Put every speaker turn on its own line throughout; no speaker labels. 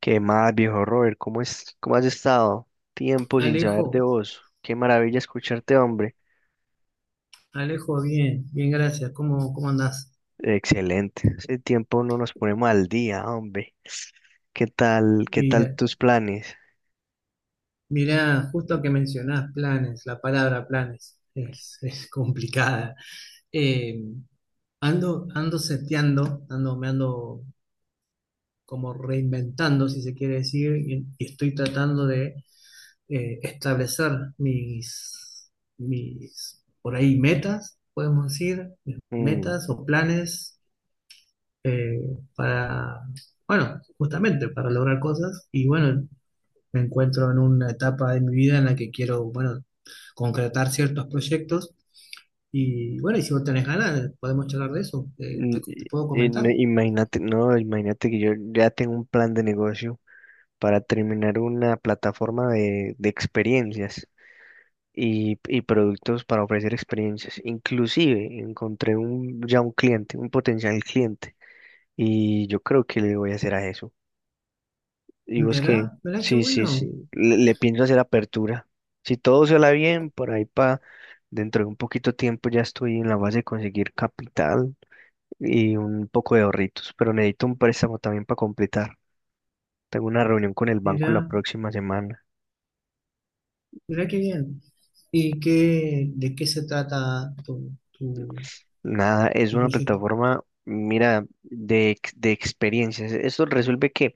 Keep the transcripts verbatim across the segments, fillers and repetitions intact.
¿Qué más, viejo Robert? ¿Cómo es, cómo has estado? Tiempo sin saber de
Alejo,
vos. Qué maravilla escucharte, hombre.
Alejo, bien, bien, gracias. ¿Cómo, cómo andás?
Excelente. Hace tiempo no nos ponemos al día, hombre. ¿Qué tal, qué tal
Mira,
tus planes?
mira, justo que mencionás planes, la palabra planes es, es complicada. Eh, ando, ando seteando, ando, me ando como reinventando, si se quiere decir, y, y estoy tratando de eh, establecer mis, mis, por ahí, metas, podemos decir,
Mm,
metas o planes eh, para, bueno, justamente para lograr cosas. Y bueno, me encuentro en una etapa de mi vida en la que quiero, bueno, concretar ciertos proyectos. Y bueno, y si vos tenés ganas, podemos charlar de eso. eh,
mm,
te, te
y-
puedo
y no-
comentar.
Imagínate, no, imagínate que yo ya tengo un plan de negocio para terminar una plataforma de, de experiencias y, y productos para ofrecer experiencias. Inclusive encontré un, ya un cliente, un potencial cliente. Y yo creo que le voy a hacer a eso. Y vos que,
Mirá, mirá qué
sí, sí,
bueno.
sí, le, le pienso hacer apertura. Si todo se la bien, por ahí para dentro de un poquito tiempo ya estoy en la base de conseguir capital y un poco de ahorritos, pero necesito un préstamo también para completar. Tengo una reunión con el banco la
Mirá,
próxima semana.
mirá qué bien. ¿Y qué, de qué se trata tu, tu,
Nada, es
tu
una
proyecto?
plataforma, mira, de, ex- de experiencias. Esto resuelve que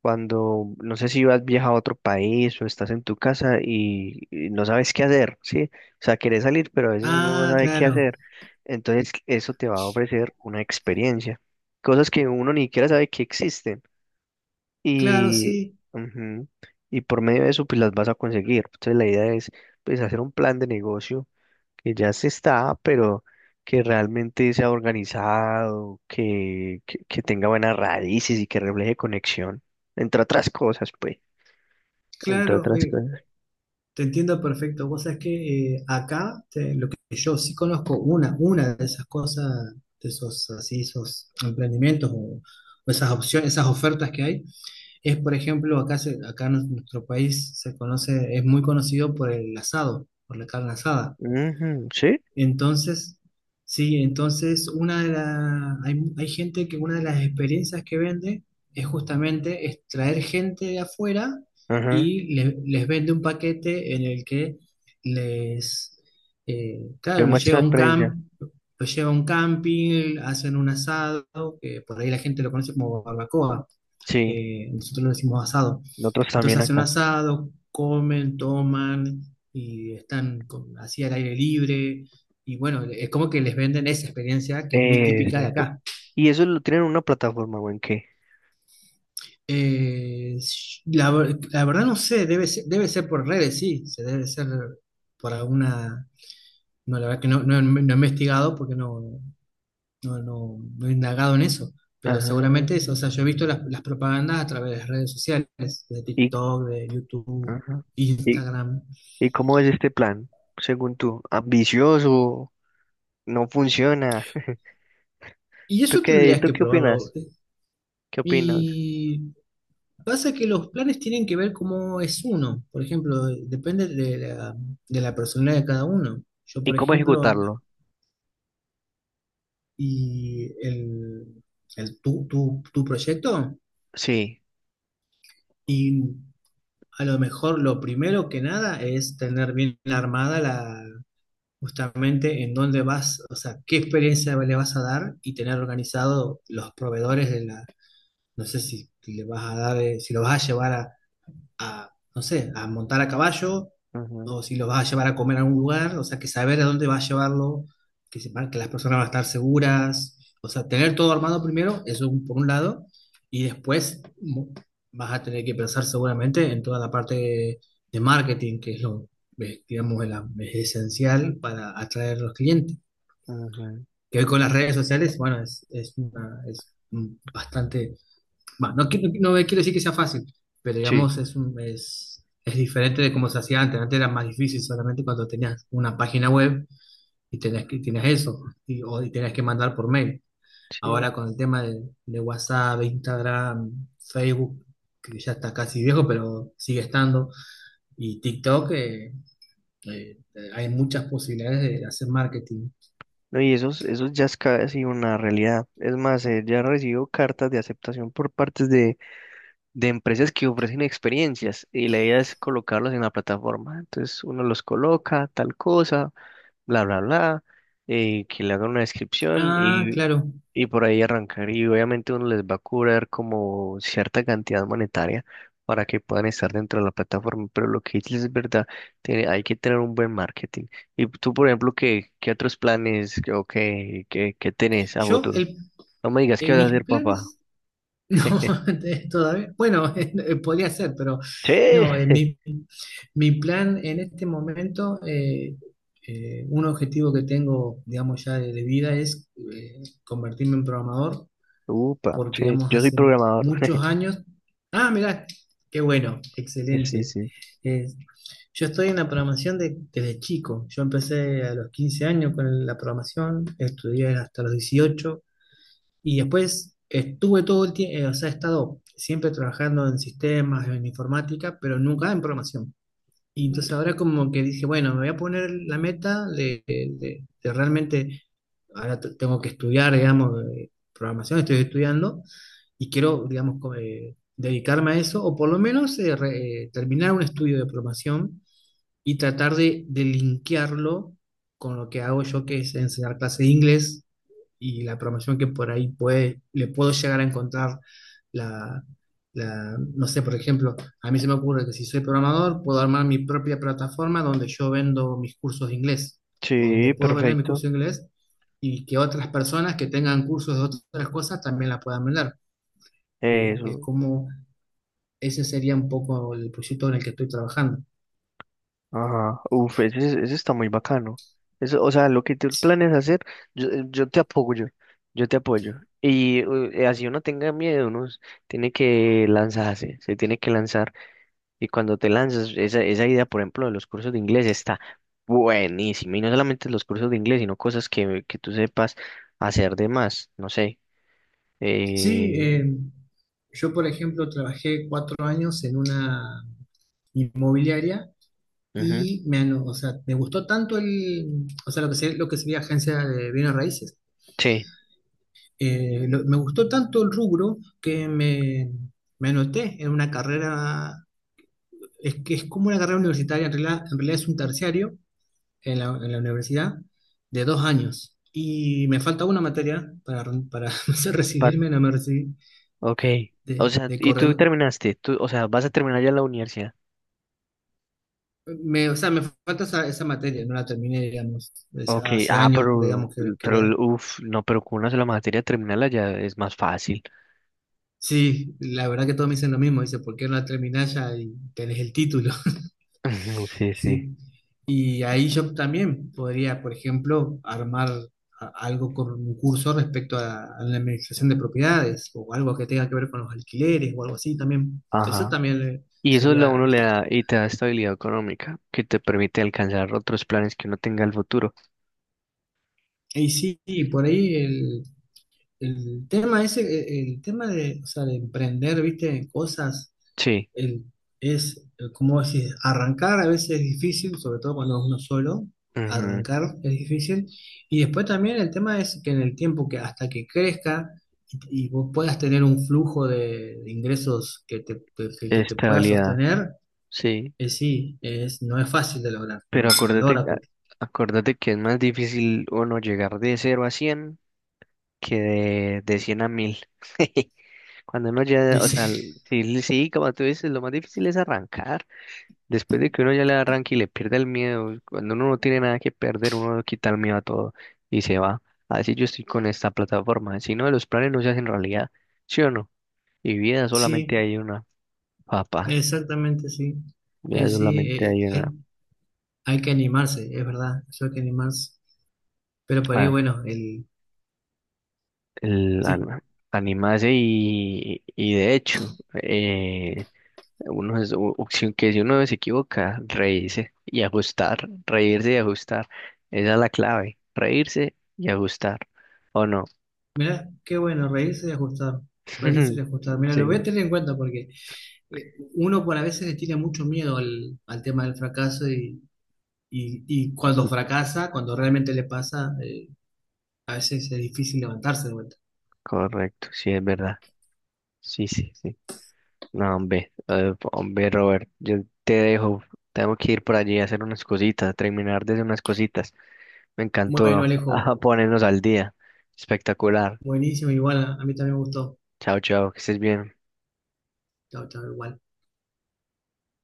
cuando no sé si vas viaja a otro país o estás en tu casa y, y no sabes qué hacer, ¿sí? O sea, querés salir, pero a veces uno no
Ah,
sabe qué
claro,
hacer. Entonces, eso te va a ofrecer una experiencia, cosas que uno ni siquiera sabe que existen.
claro,
Y,
sí,
ujú, y por medio de eso, pues las vas a conseguir. Entonces, la idea es, pues, hacer un plan de negocio que ya se está, pero que realmente sea organizado, que, que, que tenga buenas raíces y que refleje conexión, entre otras cosas, pues, entre
claro.
otras
Eh,
cosas.
Te entiendo perfecto. Vos sabés que eh, acá te- lo que yo sí conozco, una, una de esas cosas, de esos así, esos emprendimientos o, o esas opciones, esas ofertas que hay, es por ejemplo, acá se- acá en nuestro país se conoce, es muy conocido por el asado, por la carne asada.
Ujú, sí,
Entonces, sí, entonces una de la, hay, hay gente que una de las experiencias que vende es justamente es traer gente de afuera
ajá,
y le- les vende un paquete en el que les, eh, claro, los
demuestra
lleva a
la
un
experiencia.
camp, los lleva a un camping, hacen un asado, que por ahí la gente lo conoce como barbacoa,
Sí,
eh, nosotros lo decimos asado,
nosotros
entonces
también
hacen un
acá.
asado, comen, toman y están con- así al aire libre. Y bueno, es como que les venden esa experiencia que es muy típica de
Exacto.
acá.
¿Y eso lo tienen en una plataforma o en qué?
Eh, la, ver- la verdad no sé, debe ser, debe ser por redes, sí, se debe ser por alguna... No, la verdad que no, no, no he investigado porque no, no, no, no he indagado en eso, pero
Ah,
seguramente es, o sea, yo he visto las, las propagandas a través de las redes sociales, de
y,
TikTok, de YouTube,
ajá. ¿Y,
Instagram,
y cómo es este plan, según tú? ¿Ambicioso? ¿No funciona?
y
¿Tú
eso
qué,
tendrías
tú
que
qué
probarlo.
opinas? ¿Qué opinas?
Y pasa que los planes tienen que ver cómo es uno. Por ejemplo, depende de la, de la personalidad de cada uno. Yo,
¿Y
por
cómo
ejemplo,
ejecutarlo?
y el, el tu, tu, tu proyecto,
Sí.
y a lo mejor lo primero que nada es tener bien armada la, justamente en dónde vas, o sea, qué experiencia le vas a dar y tener organizado los proveedores de la, no sé si le vas a dar, eh, si lo vas a llevar a a, no sé, a montar a caballo,
Ujú,
o si lo vas a llevar a comer a algún lugar, o sea, que saber a dónde vas a llevarlo, que sepan que las personas van a estar seguras, o sea, tener todo armado primero, eso un- por un lado, y después mo- vas a tener que pensar seguramente en toda la parte de, de marketing, que es lo, eh, digamos, es la- es esencial para atraer a los clientes.
ujú,
Que hoy con las redes sociales, bueno, es, es, una- es mm, bastante. Va, no, qui- no, no quiero decir que sea fácil, pero
sí,
digamos es, un- es, es diferente de cómo se hacía antes. Antes era más difícil solamente cuando tenías una página web y tenías, que- tenías eso, y, o, y tenías que mandar por mail.
sí.
Ahora con el tema de, de WhatsApp, Instagram, Facebook, que ya está casi viejo, pero sigue estando, y TikTok, eh, eh, hay muchas posibilidades de hacer marketing.
No, y eso, es- eso ya es casi una realidad. Es más, eh, ya recibo cartas de aceptación por partes de, de empresas que ofrecen experiencias y la idea es colocarlos en la plataforma. Entonces uno los coloca, tal cosa, bla, bla, bla, eh, que le hagan una descripción
Ah,
y,
claro.
y por ahí arrancar. Y obviamente uno les va a cobrar como cierta cantidad monetaria para que puedan estar dentro de la plataforma. Pero lo que dices es verdad, tiene- hay que tener un buen marketing. Y tú, por ejemplo, ¿qué, qué otros planes que- o qué, qué, qué tenés a
Yo,
futuro?
el,
No me digas qué
en
vas a
mis
hacer, papá.
planes. No, de- todavía. Bueno, eh, podría ser, pero
Sí.
no, eh, mi, mi plan en este momento, eh, eh, un objetivo que tengo, digamos, ya de, de vida es eh, convertirme en programador,
Upa,
porque,
sí
digamos,
yo soy
hace
programador.
muchos años. Ah, mirá, qué bueno,
Sí,
excelente.
sí.
Eh, yo estoy en la programación de- desde chico. Yo empecé a los quince años con la programación, estudié hasta los dieciocho y después estuve todo el tiempo, o sea, he estado siempre trabajando en sistemas, en informática, pero nunca en programación. Y entonces ahora como que dije, bueno, me voy a poner la meta de, de- de realmente, ahora t- tengo que estudiar, digamos, eh, programación, estoy estudiando y quiero, digamos, co- eh, dedicarme a eso, o por lo menos eh, re- eh, terminar un estudio de programación y tratar de, de linkearlo con lo que hago yo, que es enseñar clases de inglés y la promoción que por ahí puede, le puedo llegar a encontrar la, la- no sé, por ejemplo, a mí se me ocurre que si soy programador, puedo armar mi propia plataforma donde yo vendo mis cursos de inglés, o donde
Sí,
puedo vender mis
perfecto.
cursos de inglés y que otras personas que tengan cursos de otras cosas también la puedan vender. Y es
Eso.
como, ese sería un poco el proyecto en el que estoy trabajando.
Ajá, uf, ese, es- ese está muy bacano. Eso, o sea, lo que tú planes hacer, yo, eh, yo te apoyo, yo te apoyo. Y eh, así uno tenga miedo, uno s- tiene que lanzarse, se tiene que lanzar. Y cuando te lanzas, esa, esa idea, por ejemplo, de los cursos de inglés está buenísima. Y no solamente los cursos de inglés, sino cosas que, que tú sepas hacer de más, no sé.
Sí,
Eh,
eh, yo, por ejemplo, trabajé cuatro años en una inmobiliaria
ujú,
y me, ano- o sea, me gustó tanto el, o sea, lo que sería, lo que sería agencia de bienes raíces.
sí,
Eh, lo- me gustó tanto el rubro que me, me anoté en una carrera, es que es como una carrera universitaria, en realidad, en realidad es un terciario en la, en la universidad de dos años. Y me falta una materia para, para hacer
pa-
recibirme, no me recibí
ok. O
de,
sea,
de
y tú
corredor.
terminaste, tú, o sea, vas a terminar ya la universidad.
Me, o sea, me falta esa, esa materia, no la terminé, digamos, desde
Ok,
hace
ah,
años, porque
pero,
digamos que, que
pero,
la,
uff, no, pero con una sola materia terminarla ya es más fácil.
sí, la verdad que todos me dicen lo mismo. Dice, ¿por qué no la terminás ya y tenés el título?
Ujú, sí, sí,
Sí. Y ahí yo también podría, por ejemplo, armar a- algo con un curso respecto a, a la administración de propiedades o algo que tenga que ver con los alquileres o algo así también. Eso
ajá.
también le-
Y eso lo
sería...
uno le da y te da estabilidad económica que te permite alcanzar otros planes que uno tenga al futuro.
Y sí, y por ahí el tema ese, eh, el tema de, o sea, de emprender, viste, cosas,
Sí,
el- es, eh, como decís, arrancar a veces es difícil, sobre todo cuando es uno solo,
ujú,
arrancar es difícil. Y después también el tema es que en el tiempo que hasta que crezca y, y vos puedas tener un flujo de, de ingresos que te, que, que te pueda
estabilidad,
sostener,
sí.
eh, sí, es, no es fácil de lograr, no, no
Pero
lo
acuérdate,
logra
a-
porque...
acuérdate que es más difícil uno llegar de cero a cien que de, de cien a mil. Cuando uno ya, o sea, sí, sí, como tú dices, lo más difícil es arrancar. Después de que uno ya le arranque y le pierda el miedo, cuando uno no tiene nada que perder, uno le quita el miedo a todo y se va. Así yo estoy con esta plataforma. Si no, los planes no se hacen realidad, ¿sí o no? Y vida solamente
Sí,
hay una, papá.
exactamente, sí.
Vida
Eh, sí,
solamente hay
eh,
una.
hay- Hay que animarse, es verdad, eso hay que animarse. Pero por ahí,
Ah,
bueno, el...
el,
Sí,
an- animarse y, y de hecho, eh, uno es, u- u- si- que si uno se equivoca, reírse y ajustar. Reírse y ajustar. Esa es la clave. Reírse y ajustar. ¿O no?
mirá, qué bueno, reírse y ajustar, reírse y ajustar. Mira, lo voy a
Sí,
tener en cuenta porque eh, uno por a veces le tiene mucho miedo al, al tema del fracaso y, y, y cuando fracasa, cuando realmente le pasa, eh, a veces es difícil levantarse de vuelta.
correcto, sí, es verdad. Sí, sí, sí. No, hombre, eh, hombre, Robert, yo te dejo. Tengo que ir por allí a hacer unas cositas, terminar de hacer unas cositas. Me
Bueno,
encantó
Alejo,
ah, ponernos al día. Espectacular.
buenísimo, igual a, a mí también me gustó.
Chao, chao, que estés bien.
Chao, chao, igual.